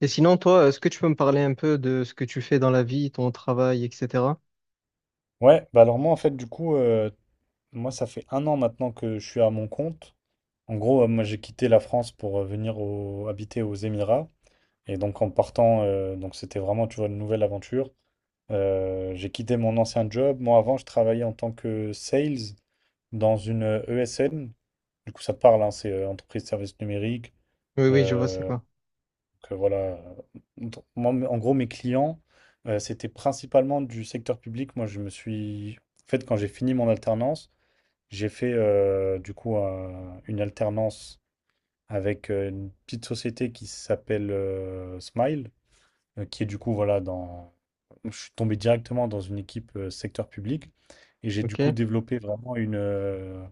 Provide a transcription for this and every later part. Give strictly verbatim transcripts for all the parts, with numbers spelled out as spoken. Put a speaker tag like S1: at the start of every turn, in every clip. S1: Et sinon, toi, est-ce que tu peux me parler un peu de ce que tu fais dans la vie, ton travail, et cetera?
S2: Ouais, bah alors moi en fait du coup, euh, moi ça fait un an maintenant que je suis à mon compte. En gros, euh, moi j'ai quitté la France pour euh, venir au- habiter aux Émirats. Et donc en partant, euh, donc c'était vraiment, tu vois, une nouvelle aventure. Euh, j'ai quitté mon ancien job. Moi avant, je travaillais en tant que sales dans une euh, E S N. Du coup, ça parle, hein, c'est euh, entreprise de services numériques.
S1: Oui, oui, je vois, c'est
S2: Euh,
S1: quoi.
S2: donc, euh, voilà. Donc, moi, m- en gros, mes clients, euh, c'était principalement du secteur public. Moi, je me suis... En fait, quand j'ai fini mon alternance, j'ai fait euh, du coup un- une alternance avec euh, une petite société qui s'appelle euh, Smile, euh, qui est du coup voilà dans. Je suis tombé directement dans une équipe euh, secteur public et j'ai du coup
S1: OK.
S2: développé vraiment une, euh,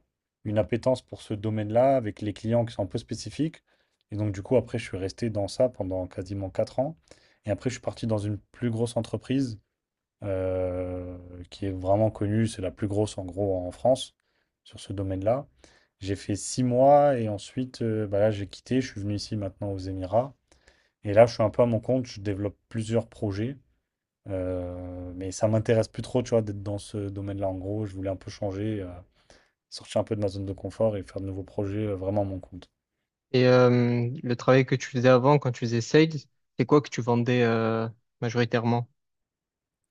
S2: une appétence pour ce domaine-là avec les clients qui sont un peu spécifiques. Et donc du coup après je suis resté dans ça pendant quasiment quatre ans. Et après je suis parti dans une plus grosse entreprise euh, qui est vraiment connue. C'est la plus grosse en gros en France sur ce domaine-là. J'ai fait six mois et ensuite, euh, bah là, j'ai quitté. Je suis venu ici maintenant aux Émirats. Et là, je suis un peu à mon compte. Je développe plusieurs projets. euh, mais ça m'intéresse plus trop, tu vois, d'être dans ce domaine-là. En gros, je voulais un peu changer, euh, sortir un peu de ma zone de confort et faire de nouveaux projets euh, vraiment à mon compte.
S1: Et euh, le travail que tu faisais avant, quand tu faisais sales, c'est quoi que tu vendais euh, majoritairement?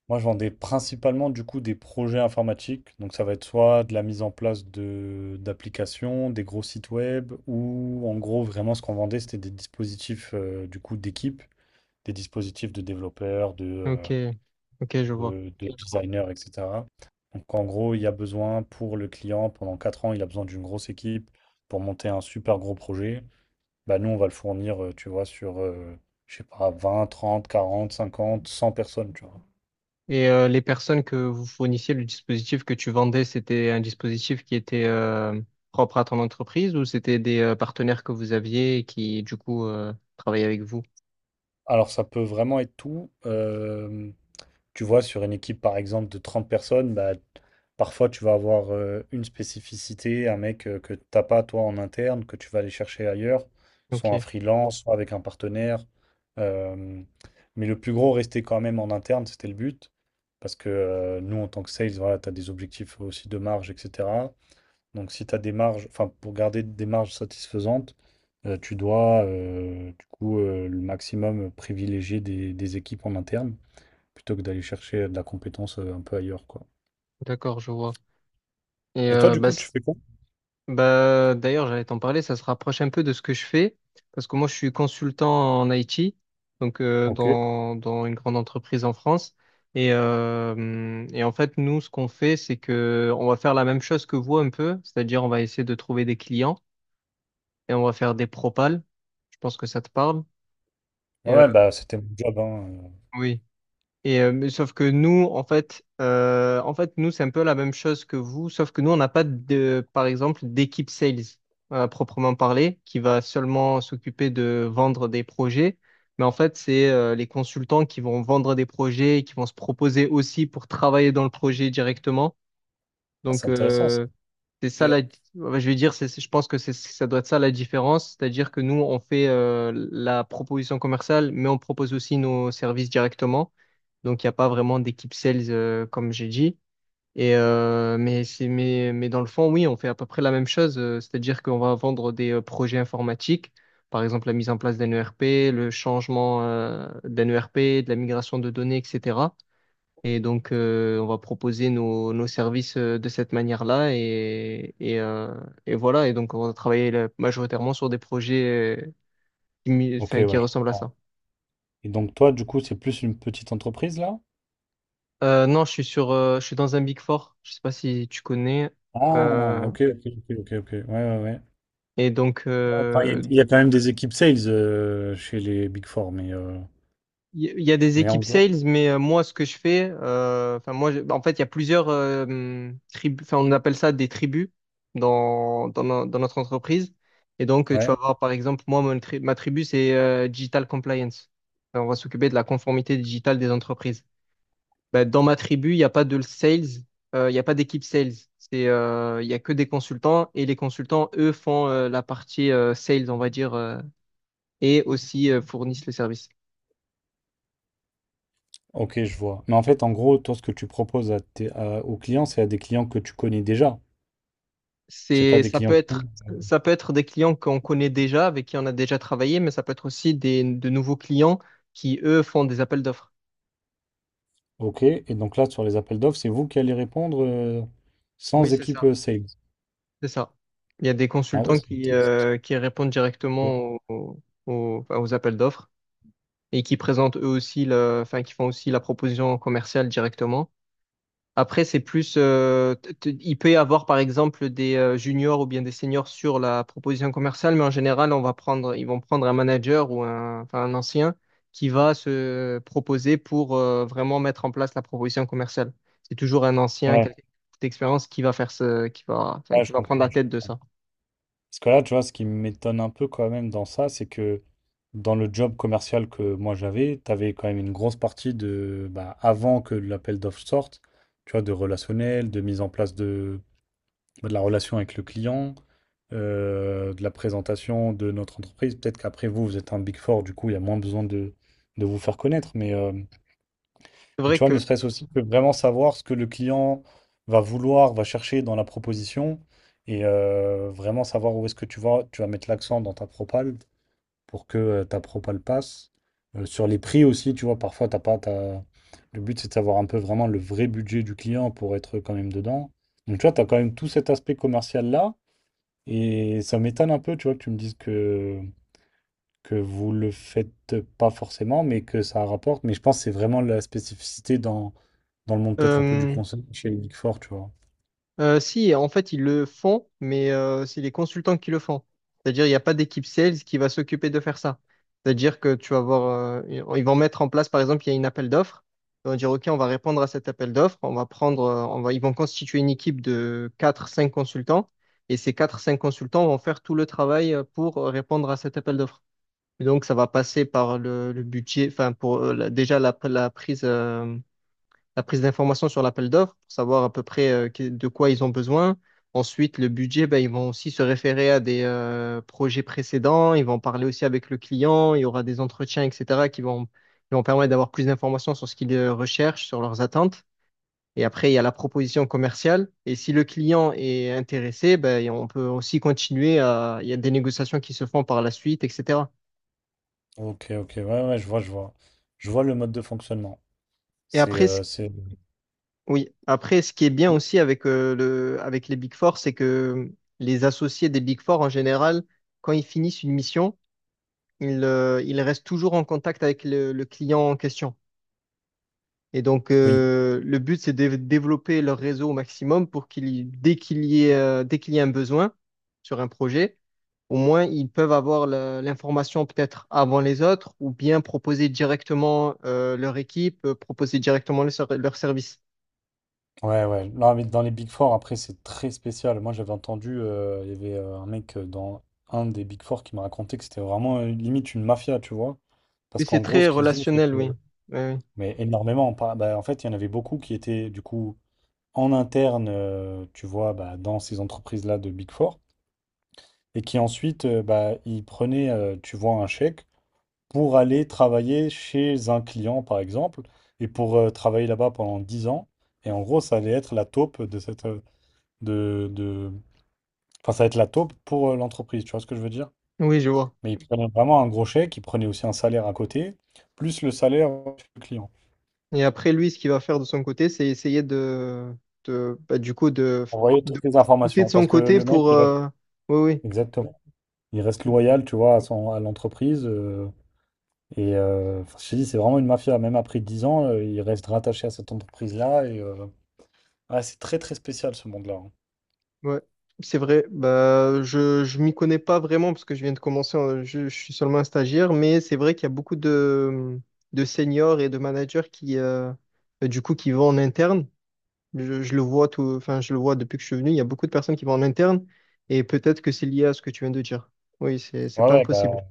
S2: Moi, je vendais principalement du coup des projets informatiques. Donc, ça va être soit de la mise en place de d'applications, des gros sites web, ou en gros, vraiment, ce qu'on vendait, c'était des dispositifs euh, du coup d'équipe, des dispositifs de développeurs, de, euh,
S1: OK. OK, je vois.
S2: de, de designers, et cetera. Donc, en gros, il y a besoin pour le client, pendant quatre ans, il a besoin d'une grosse équipe pour monter un super gros projet. Bah, nous, on va le fournir, euh, tu vois, sur, euh, je sais pas, vingt, trente, quarante, cinquante, cent personnes, tu vois.
S1: Et euh, les personnes que vous fournissiez, le dispositif que tu vendais, c'était un dispositif qui était euh, propre à ton entreprise ou c'était des euh, partenaires que vous aviez et qui, du coup, euh, travaillaient avec vous?
S2: Alors, ça peut vraiment être tout. Euh, tu vois, sur une équipe, par exemple, de trente personnes, bah, parfois, tu vas avoir euh, une spécificité, un mec euh, que tu n'as pas, toi, en interne, que tu vas aller chercher ailleurs, soit
S1: OK,
S2: en freelance, soit avec un partenaire. Euh, mais le plus gros, rester quand même en interne, c'était le but. Parce que euh, nous, en tant que sales, voilà, tu as des objectifs aussi de marge, et cetera. Donc, si tu as des marges, enfin, pour garder des marges satisfaisantes, euh, tu dois, euh, du coup, euh, le maximum privilégier des, des équipes en interne plutôt que d'aller chercher de la compétence euh, un peu ailleurs, quoi.
S1: d'accord, je vois. Et
S2: Et toi,
S1: euh,
S2: du
S1: bah,
S2: coup,
S1: c-
S2: tu fais quoi?
S1: Bah, d'ailleurs, j'allais t'en parler, ça se rapproche un peu de ce que je fais, parce que moi, je suis consultant en I T, donc euh,
S2: Ok.
S1: dans, dans une grande entreprise en France. Et, euh, et en fait, nous, ce qu'on fait, c'est que on va faire la même chose que vous un peu, c'est-à-dire on va essayer de trouver des clients et on va faire des propals. Je pense que ça te parle. Et,
S2: Ouais,
S1: euh,
S2: bah, c'était mon job, hein. euh.
S1: oui. Et euh, mais sauf que nous, en fait, euh, en fait, nous, c'est un peu la même chose que vous, sauf que nous, on n'a pas de, par exemple, d'équipe sales euh, à proprement parler, qui va seulement s'occuper de vendre des projets. Mais en fait, c'est euh, les consultants qui vont vendre des projets, qui vont se proposer aussi pour travailler dans le projet directement.
S2: Ah,
S1: Donc,
S2: c'est intéressant, ça.
S1: euh, c'est
S2: Ok,
S1: ça la, ouais, je vais dire, c'est, c'est- je pense que c'est, ça doit être ça la différence, c'est-à-dire que nous, on fait euh, la proposition commerciale, mais on propose aussi nos services directement. Donc, il n'y a pas vraiment d'équipe sales, euh, comme j'ai dit. Et, euh, mais, c'est, mais, mais dans le fond, oui, on fait à peu près la même chose, euh, c'est-à-dire qu'on va vendre des euh, projets informatiques, par exemple la mise en place d'un E R P, le changement euh, d'un E R P, de la migration de données, et cetera. Et donc, euh, on va proposer nos, nos services euh, de cette manière-là. Et, et, euh, et voilà. Et donc, on va travailler là, majoritairement sur des projets euh, qui, mi-
S2: Ok,
S1: enfin, qui
S2: ouais, je
S1: ressemblent à
S2: comprends.
S1: ça.
S2: Et donc, toi, du coup, c'est plus une petite entreprise, là?
S1: Euh, non, je suis sur, euh, je suis dans un Big Four. Je sais pas si tu connais.
S2: Ah,
S1: Euh,
S2: ok, ok, ok, ok, ok. Ouais, ouais, ouais.
S1: et donc,
S2: Ouais, enfin, il y, a
S1: euh,
S2: il y a quand même des équipes sales euh, chez les Big Four, mais, euh,
S1: Il y il y a des
S2: mais en
S1: équipes
S2: gros,
S1: sales, mais euh, moi, ce que je fais, euh, enfin moi, je- bah, en fait, il y a plusieurs euh, hum, tribus, enfin on appelle ça des tribus dans, dans, no- dans notre entreprise. Et donc, euh, tu vas
S2: ouais.
S1: voir, par exemple, moi, mon tri- ma tribu, c'est euh, Digital Compliance. Enfin, on va s'occuper de la conformité digitale des entreprises. Ben, dans ma tribu, il n'y a pas de sales, euh, il n'y a pas d'équipe sales. C'est, euh, il n'y a que des consultants et les consultants, eux, font euh, la partie euh, sales, on va dire, euh, et aussi euh, fournissent le service.
S2: Ok, je vois. Mais en fait, en gros, toi, ce que tu proposes à tes- à- aux clients, c'est à des clients que tu connais déjà. C'est pas
S1: C'est,
S2: des
S1: ça peut
S2: clients qui...
S1: être,
S2: Euh,
S1: Ça peut être des clients qu'on connaît déjà, avec qui on a déjà travaillé, mais ça peut être aussi des, de nouveaux clients qui, eux, font des appels d'offres.
S2: Ok, et donc là, sur les appels d'offres, c'est vous qui allez répondre euh,
S1: Oui,
S2: sans
S1: c'est
S2: équipe
S1: ça.
S2: euh, sales.
S1: C'est ça. Il y a des
S2: Ah ouais,
S1: consultants
S2: c'est...
S1: qui, euh, qui répondent directement aux, aux, aux appels d'offres et qui présentent eux aussi, le, enfin, qui font aussi la proposition commerciale directement. Après, c'est plus, euh, t- t- il peut y avoir par exemple des euh, juniors ou bien des seniors sur la proposition commerciale, mais en général, on va prendre, ils vont prendre un manager ou un, enfin, un ancien qui va se proposer pour euh, vraiment mettre en place la proposition commerciale. C'est toujours un ancien,
S2: Ouais,
S1: quelqu'un d'expérience qui va faire ce, qui va, enfin,
S2: ouais,
S1: qui
S2: je
S1: va prendre la
S2: comprends, je
S1: tête de
S2: comprends.
S1: ça.
S2: Parce que là, tu vois, ce qui m'étonne un peu quand même dans ça, c'est que dans le job commercial que moi j'avais, tu avais quand même une grosse partie de, bah, avant que l'appel d'offres sorte, tu vois, de relationnel, de mise en place de. De la relation avec le client, euh, de la présentation de notre entreprise. Peut-être qu'après vous, vous êtes un Big Four, du coup, il y a moins besoin de, de vous faire connaître. Mais, euh,
S1: C'est
S2: mais tu
S1: vrai
S2: vois,
S1: que
S2: ne serait-ce aussi que vraiment savoir ce que le client va vouloir, va chercher dans la proposition et euh, vraiment savoir où est-ce que tu vas, tu vas mettre l'accent dans ta propale pour que euh, ta propale passe. Euh, sur les prix aussi, tu vois, parfois, t'as pas, t'as- le but, c'est de savoir un peu vraiment le vrai budget du client pour être quand même dedans. Donc, tu vois, tu as quand même tout cet aspect commercial-là. Et ça m'étonne un peu, tu vois, que tu me dises que, que vous le faites pas forcément, mais que ça rapporte. Mais je pense que c'est vraiment la spécificité dans, dans le monde peut-être un peu du
S1: euh,
S2: conseil chez les Big Four, tu vois.
S1: Euh, si, en fait, ils le font, mais euh, c'est les consultants qui le font. C'est-à-dire, il n'y a pas d'équipe sales qui va s'occuper de faire ça. C'est-à-dire que tu vas voir, euh, ils vont mettre en place, par exemple, il y a une appel d'offres. Ils vont dire, OK, on va répondre à cet appel d'offres. On va prendre, euh, on va, Ils vont constituer une équipe de quatre, cinq consultants. Et ces quatre, cinq consultants vont faire tout le travail euh, pour répondre à cet appel d'offres. Et donc, ça va passer par le, le budget, enfin, pour euh, la- déjà la, la prise. euh, la prise d'informations sur l'appel d'offres pour savoir à peu près euh, que- de quoi ils ont besoin. Ensuite, le budget, ben, ils vont aussi se référer à des euh, projets précédents, ils vont parler aussi avec le client, il y aura des entretiens, et cetera, qui vont, qui vont permettre d'avoir plus d'informations sur ce qu'ils euh, recherchent, sur leurs attentes. Et après, il y a la proposition commerciale. Et si le client est intéressé, ben, on peut aussi continuer à... Il y a des négociations qui se font par la suite, et cetera.
S2: Ok, ok, ouais, ouais, je vois, je vois. Je vois le mode de fonctionnement.
S1: Et
S2: C'est,
S1: après, ce
S2: euh, c'est...
S1: Oui, après, ce qui est bien aussi avec, euh, le, avec les Big Four, c'est que les associés des Big Four, en général, quand ils finissent une mission, ils, euh, ils restent toujours en contact avec le, le client en question. Et donc,
S2: Oui.
S1: euh, le but, c'est de développer leur réseau au maximum pour qu'il, y- dès qu'il y ait, euh, dès qu'il y a un besoin sur un projet, au moins, ils peuvent avoir la- l'information peut-être avant les autres ou bien proposer directement, euh, leur équipe, euh, proposer directement leur, ser- leur service.
S2: Ouais, ouais. Non, mais dans les Big Four, après, c'est très spécial. Moi, j'avais entendu, euh, il y avait euh, un mec euh, dans un des Big Four qui m'a raconté que c'était vraiment euh, limite une mafia, tu vois. Parce
S1: Oui, c'est
S2: qu'en gros,
S1: très
S2: ce qu'ils faisaient, c'est
S1: relationnel, oui.
S2: que.
S1: Oui, oui.
S2: Mais énormément. pas- bah, en fait, il y en avait beaucoup qui étaient, du coup, en interne, euh, tu vois, bah, dans ces entreprises-là de Big Four. Et qui ensuite, euh, bah, ils prenaient, euh, tu vois, un chèque pour aller travailler chez un client, par exemple, et pour euh, travailler là-bas pendant dix ans. Et en gros, ça allait être la taupe de cette, euh, de, de... Enfin, ça va être la taupe pour euh, l'entreprise, tu vois ce que je veux dire?
S1: Oui, je vois.
S2: Mais ils prenaient vraiment un gros chèque, ils prenaient aussi un salaire à côté, plus le salaire du client.
S1: Et après, lui, ce qu'il va faire de son côté, c'est essayer de, de bah, du coup, de,
S2: On voyait
S1: de
S2: toutes les
S1: pousser de
S2: informations,
S1: son
S2: parce que
S1: côté
S2: le mec,
S1: pour.
S2: il reste...
S1: euh, Oui,
S2: Exactement. Il reste loyal, tu vois, à son, à l'entreprise. euh, et euh, enfin, je te dis, c'est vraiment une mafia. Même après dix ans, euh, il reste rattaché à cette entreprise-là. Et euh, ouais, c'est très, très spécial, ce monde-là. hein.
S1: oui, ouais. C'est vrai. Bah, je, je m'y connais pas vraiment parce que je viens de commencer. Euh, Je, je suis seulement un stagiaire, mais c'est vrai qu'il y a beaucoup de, de seniors et de managers qui, euh, bah, du coup, qui vont en interne. Je, je le vois tout, enfin, je le vois depuis que je suis venu. Il y a beaucoup de personnes qui vont en interne et peut-être que c'est lié à ce que tu viens de dire. Oui, c'est, c'est
S2: Ouais,
S1: pas
S2: ouais,
S1: impossible.
S2: bah,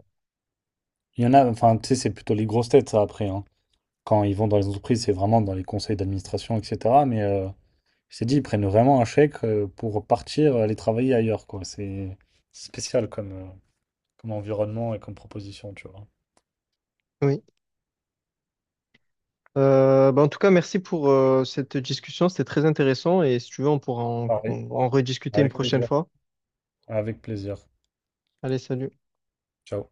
S2: il y en a, enfin, tu sais, c'est plutôt les grosses têtes, ça, après. hein. Quand ils vont dans les entreprises, c'est vraiment dans les conseils d'administration, et cetera. Mais euh, je t'ai dit, ils prennent vraiment un chèque euh, pour partir euh, aller travailler ailleurs, quoi. C'est c'est spécial comme, euh, comme environnement et comme proposition, tu vois.
S1: Oui. Euh, bah, en tout cas, merci pour euh, cette discussion. C'était très intéressant et si tu veux, on pourra en
S2: Pareil,
S1: en- en rediscuter une
S2: avec
S1: prochaine
S2: plaisir.
S1: fois.
S2: Avec plaisir.
S1: Allez, salut.
S2: Ciao.